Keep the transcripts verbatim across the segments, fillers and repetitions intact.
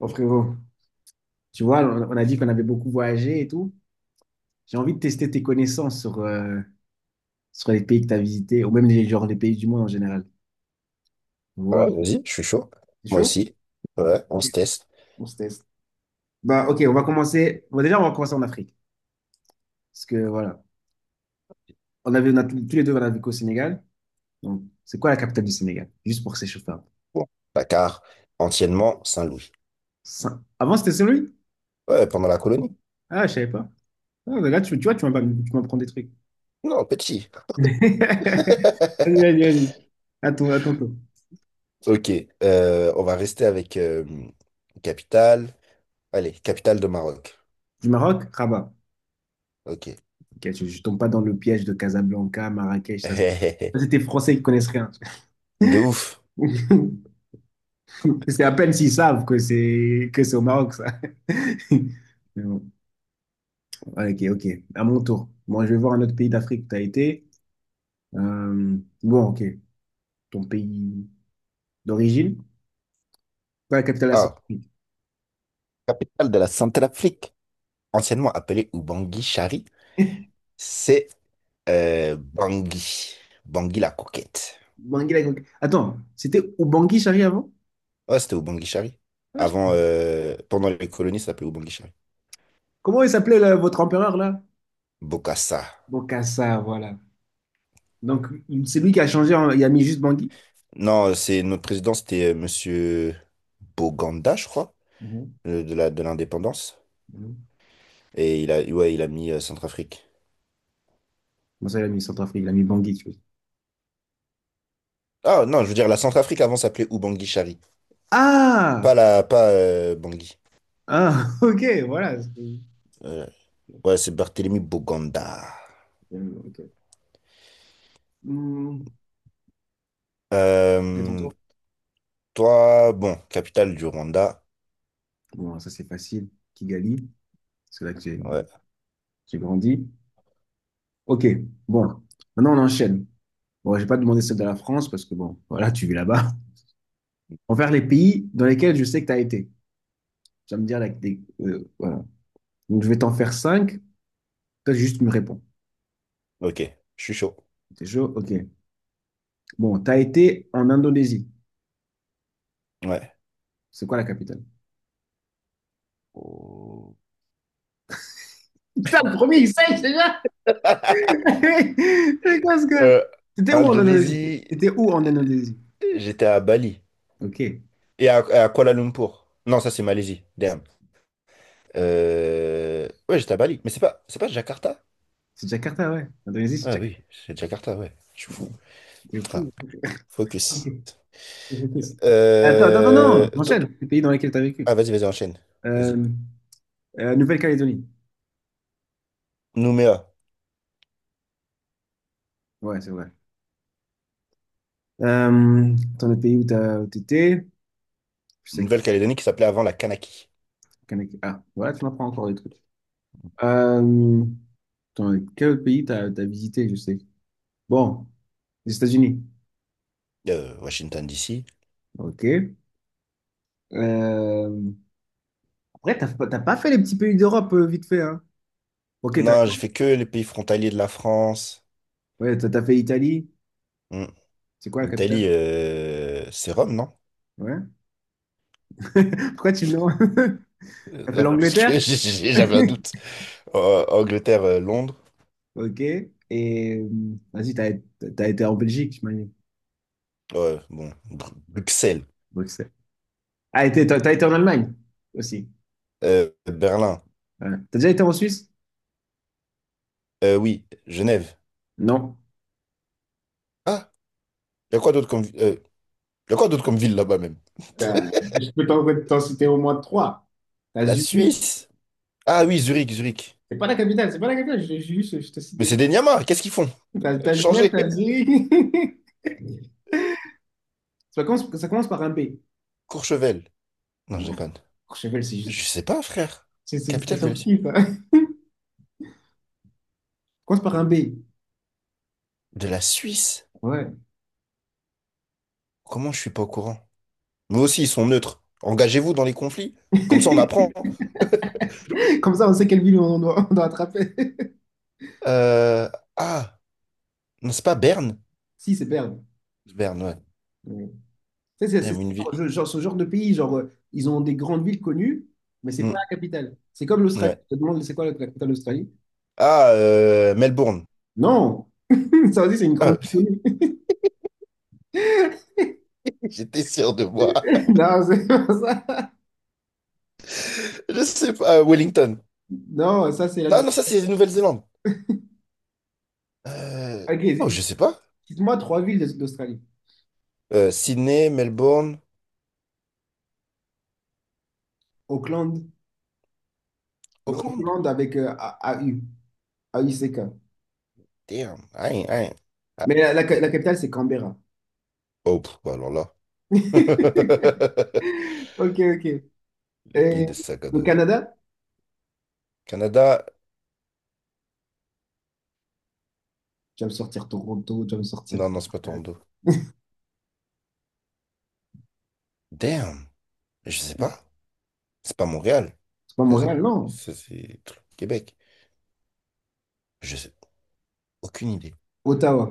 Bon, frérot, tu vois, on on a dit qu'on avait beaucoup voyagé et tout. J'ai envie de tester tes connaissances sur, euh, sur les pays que tu as visités, ou même les, genre, les pays du monde en général. Ouais, Wow. vas-y, je suis chaud. C'est Moi chaud? aussi. Ouais, on se Ok. teste. On se teste. Bah, ok, on va commencer. Bon, déjà, on va commencer en Afrique. Parce que voilà, on avait, on a tous tous les deux, on a vécu au Sénégal. Donc, c'est quoi la capitale du Sénégal? Juste pour s'échauffer un peu. Bon, Dakar, anciennement Saint-Louis. Ça- Avant, c'était celui? Ouais, pendant la colonie. Ah, je savais pas. Ah, là, tu, tu vois, tu m'as pas- tu m'apprends des trucs. Non, petit. Vas-y, vas-y, vas-y. Attends, attends. Attends. Ok, euh, on va rester avec euh, capitale. Allez, capitale de Maroc. Du Maroc, Rabat. Ok. Ok, je, je tombe pas dans le piège de Casablanca, Marrakech, ça. ça, C'est des Français qui connaissent rien. De ouf. C'est à peine s'ils savent que c'est que c'est au Maroc, ça. Mais bon, ok, ok. À mon tour. Moi, je vais voir un autre pays d'Afrique où tu as été. Euh, bon, ok. Ton pays d'origine, pas la capitale de la Ah, Centrafrique. capitale de la Centrafrique, anciennement appelée Ubangui Chari, c'est euh, Bangui. Bangui la coquette. Bangui, la Grande- Attends, c'était Ubangui Chari avant? Ouais, c'était Ubangui Chari. Ah, je- Avant, euh, pendant les colonies, ça s'appelait Ubangui Chari. Comment il s'appelait là, votre empereur là? Bokassa. Bokassa, voilà. Donc, c'est lui qui a changé, en- il a mis juste Bangui? Non, c'est notre président, c'était euh, Monsieur Boganda, je crois, Mhm. euh, de la, de l'indépendance. Mhm. Et il a, ouais, il a mis euh, Centrafrique. Comment ça, il a mis Centrafrique? Il a mis Bangui, tu vois. Ah non, je veux dire, la Centrafrique avant s'appelait Ubangui Chari. Ah! Pas la, pas euh, Bangui. Ah, ok, voilà. c'est- Euh, ouais, c'est Barthélemy Boganda. Ok. Hmm. C'est ton Euh, tour. toi, bon, capitale du Rwanda. Bon, ça, c'est facile. Kigali, c'est là que j'ai Ouais, j'ai grandi. Ok, bon. Maintenant, on enchaîne. Bon, j'ai pas demandé celle de la France parce que, bon, voilà, tu vis là-bas. On va faire les pays dans lesquels je sais que tu as été. Tu vas me dire, là, que des- euh, voilà. Donc, je vais t'en faire cinq. Toi, juste tu me réponds. ok, je suis chaud. T'es chaud? Ok. Bon, tu as été en Indonésie. Ouais. C'est quoi la capitale? Oh. Putain, le premier, C'est quoi ce gars? Euh, C'était où en Indonésie? Indonésie, C'était où en Indonésie? j'étais à Bali. Ok. Et à, à Kuala Lumpur. Non, ça c'est Malaisie. Euh, Ouais, j'étais à Bali. Mais c'est pas, c'est pas Jakarta? C'est Jakarta, ouais. Indonésie, c'est Ah Jakarta. oui, c'est Jakarta, ouais. Je suis Ouais. fou. C'est Putain, fou. Ok. focus. Ok. Attends, attends, non, non, Euh, to- enchaîne. Les pays dans lesquels tu as vécu. Ah, vas-y, vas-y, enchaîne. Vas-y. Euh, euh, Nouvelle-Calédonie. Nouméa, Ouais, c'est vrai. Euh, dans le pays où tu étais, je sais qu'il... Nouvelle-Calédonie qui s'appelait avant la Kanaki. Ah, voilà, tu m'apprends encore des trucs. Euh, dans quel pays t'as as, visité, je sais. Bon, les États-Unis. Euh, Washington, D C. Ok. Euh, ouais, t'as pas t'as pas fait les petits pays d'Europe euh, vite fait, hein. Ok, t'as Non, j'ai fait que les pays frontaliers de la France. ouais, t'as- t'as fait l'Italie. Hmm. C'est quoi la Italie, capitale? euh, c'est Rome, non? Ouais. Pourquoi tu me demandes? Euh, T'as fait non, parce que l'Angleterre? j'ai- j'ai- j'avais un doute. Euh, Angleterre, euh, Londres. Ok. Et euh, vas-y, t'as t'as été en Belgique, je m'imagine. Ouais, bon. Bru- Bruxelles. Bruxelles. Ah, et t'es- t'as t'as été en Allemagne aussi. Euh, Berlin. Ouais. T'as déjà été en Suisse? Euh, oui, Genève. Non. Ah, il y a quoi d'autre comme, euh, y a quoi d'autre comme ville là-bas même? Ben, je peux t'en t'en citer au moins trois. T'as La Zurich, Suisse? Ah oui, Zurich, Zurich. c'est pas la capitale, c'est pas la capitale, je, je- juste, je te cite Mais des c'est villes. des Niamas, qu'est-ce qu'ils font? T'as t'as Genève, Changer. t'as Zurich. Ça commence, ça commence par un B. Courchevel. Non, je Non. déconne. Courchevel, c'est juste. Je sais pas, frère. C'est c'est Capitale de expression la Suisse? skip. Commence par un B. De la Suisse? Ouais. Comment je suis pas au courant? Mais aussi, ils sont neutres. Engagez-vous dans les conflits. Comme ça, on apprend. Comme ça, on sait quelle ville on doit, on doit attraper. Euh, Ah, non, c'est pas Berne? Si, c'est Berne. Berne, ouais. Ouais. Tu sais, C'est c'est Même une ce genre, ville. je- genre- ce genre de pays, genre, euh, ils ont des grandes villes connues, mais c'est pas Hmm, la capitale. C'est comme l'Australie. ouais. Je te demande, c'est quoi la capitale de l'Australie? Ah, euh, Melbourne. Non! Ça aussi, c'est une grande Ah, ville connue. j'étais sûr de moi. Non, c'est pas ça. Je sais pas, euh, Wellington. Non, ça, c'est la Non, nuit. non, ça, c'est Nouvelle-Zélande. Euh, Ok, oh, c'est- je sais pas. dites-moi trois villes de- d'Australie. Euh, Sydney, Melbourne, Auckland, le Auckland. Auckland avec euh, A- AU, A U C K. Damn. I ain't- I ain't- ah, Mais la, la- je- la capitale, c'est Canberra. Oh, pff, bah alors là. Ok, ok. Le pays Et des sacs à le dos. Canada? Canada. Tu vas me sortir Toronto, tu vas me sortir. Non, non, c'est pas Toronto. Damn. Je sais pas. C'est pas Montréal. C'est pas Ça, c'est Montréal, non. ça, c'est truc Québec. Je sais. Aucune idée. Ottawa.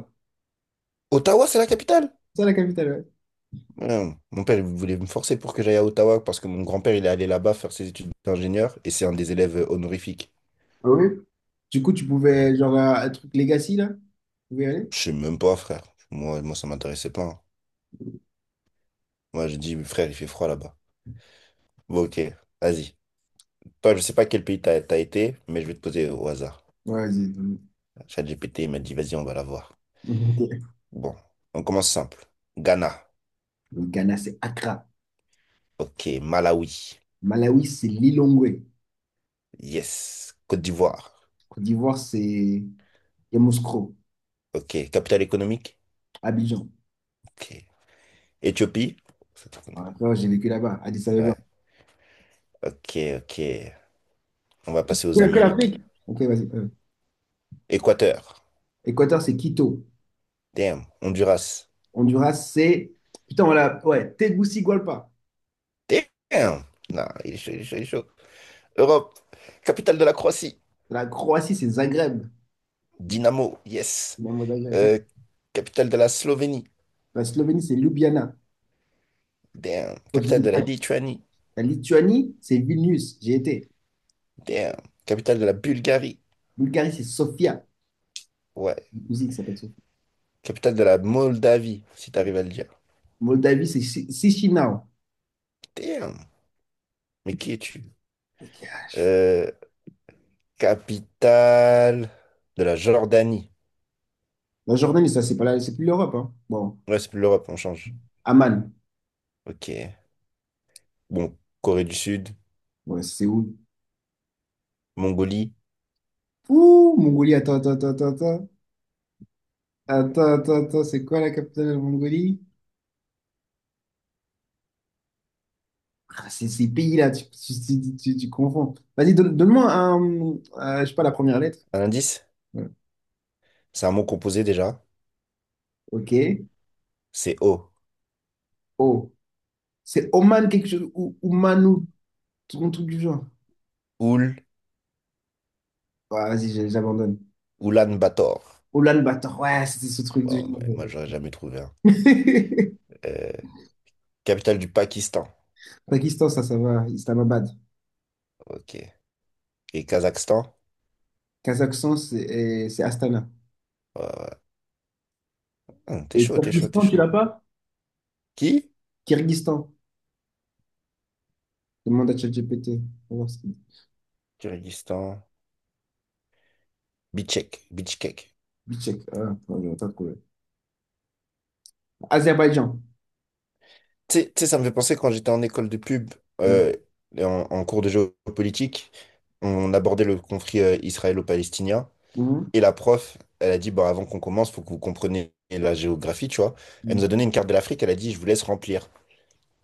Ottawa, c'est la capitale? C'est ça la capitale, ouais. Non. Mon père, il voulait me forcer pour que j'aille à Ottawa parce que mon grand-père, il est allé là-bas faire ses études d'ingénieur et c'est un des élèves honorifiques. Ah oui? Du coup, tu pouvais, genre, un un truc Legacy, là? Tu pouvais y aller? Je sais même pas, frère. Moi, moi ça m'intéressait pas, hein. Moi, j'ai dit, frère, il fait froid là-bas. Bon, ok, vas-y. Toi, je sais pas quel pays t'as t'as été, mais je vais te poser au hasard. Ouais, vas-y. Donne- ChatGPT, il m'a dit, vas-y, on va la voir. Ok. Bon, on commence simple. Ghana. Le Ghana, c'est Accra. Ok, Malawi. Malawi, c'est Lilongwe. Yes. Côte d'Ivoire. Côte d'Ivoire, c'est Yamoussoukro. Ok, capitale économique. Abidjan. Ok. Éthiopie. Ça, tu connais. Après, j'ai vécu là-bas, Addis Abeba. Ouais. Ok, ok. On va passer aux Que que Amériques. l'Afrique? Ok, vas-y. Euh. Équateur. Équateur, c'est Quito. Damn. Honduras. Honduras, c'est. Putain, voilà. Ouais, Tegucigalpa. Damn. Non, il est chaud, il est chaud, il est chaud. Europe, capitale de la Croatie, La Croatie, c'est Zagreb. Dinamo, yes. Dans le mot Zagreb. Euh, capitale de la Slovénie, La Slovénie, c'est Ljubljana. damn. Capitale de la Lituanie, La Lituanie, c'est Vilnius. J'ai été. damn. Capitale de la Bulgarie, Bulgarie, c'est Sofia. ouais. Une cousine qui s'appelle Sofia. Capitale de la Moldavie, si t'arrives à le dire. Moldavie, c'est Chi- Chisinau. Damn, mais qui es-tu? Euh, capitale de la Jordanie. La Jordanie, ça, c'est pas la- c'est plus l'Europe. Hein. Bon, Ouais, c'est plus l'Europe, on change. Amman. Ok. Bon, Corée du Sud, Ouais, c'est où? Mongolie. Ouh, Mongolie, attends, attends, attends, attends, attends. Attends, attends, attends, c'est quoi la capitale de la Mongolie? Ah, c'est ces pays-là, tu, tu, tu- tu- tu confonds. Vas-y, donne, moi un, euh, je sais pas, la première lettre. Un indice? Ouais. C'est un mot composé déjà. Ok. C'est O. O. C'est Oman, quelque chose, ou Oman, ou un truc du genre. Oul, Ah, vas-y, j'ai- j'abandonne. Oulan Bator. Oulan-Bator, ouais, c'était ce truc de... Wow, mais moi, j'aurais jamais trouvé un. Euh, capitale du Pakistan. Pakistan, ça, ça va. Islamabad. Ok. Et Kazakhstan. Kazakhstan, c'est eh, c'est Astana. Ouais, ouais. Hum, t'es Et chaud, t'es chaud, t'es Kyrgyzstan, tu chaud. l'as pas? Qui? Kyrgyzstan. Demande à ChatGPT. On va voir ce qu'il dit. Kyrgyzstan. Bichkek. Bichkek. Je check. Ah, non, non, pas de problème. Azerbaïdjan. Tu sais, tu sais, ça me fait penser quand j'étais en école de pub, Ouais. euh, et en, en cours de géopolitique, on abordait le conflit euh, israélo-palestinien. Mhm. Et la prof, elle a dit, bon, avant qu'on commence, faut que vous compreniez la géographie, tu vois. Elle nous Mhm. a donné une carte de l'Afrique, elle a dit, je vous laisse remplir.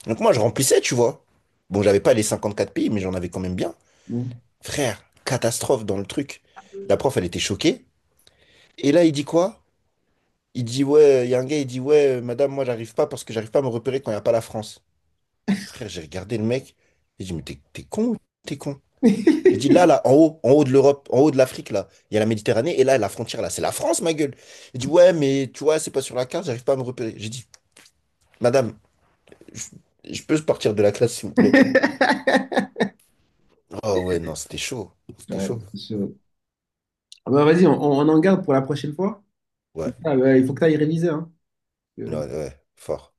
Donc moi, je remplissais, tu vois. Bon, j'avais pas les cinquante-quatre pays, mais j'en avais quand même bien. Mhm. Frère, catastrophe dans le truc. La prof, elle était choquée. Et là, il dit quoi? Il dit, ouais, il y a un gars, il dit, ouais, euh, madame, moi, j'arrive pas parce que j'arrive pas à me repérer quand il n'y a pas la France. Frère, j'ai regardé le mec. J'ai dit, mais t'es t'es con ou t'es con? Il dit, là, là, en haut, en haut de l'Europe, en haut de l'Afrique, là, il y a la Méditerranée. Et là, la frontière, là, c'est la France, ma gueule. Il dit, ouais, mais tu vois, c'est pas sur la carte, j'arrive pas à me repérer. J'ai dit, madame, je, je peux sortir de la classe, s'il vous plaît? Oh, ouais, non, c'était chaud. C'était Ouais, chaud. c'est sûr. Ah bah, vas-y, on, on en garde pour la prochaine fois. Ouais, Ah, bah, il faut que tu ailles réviser. Hein. ouais, Euh, ouais, fort.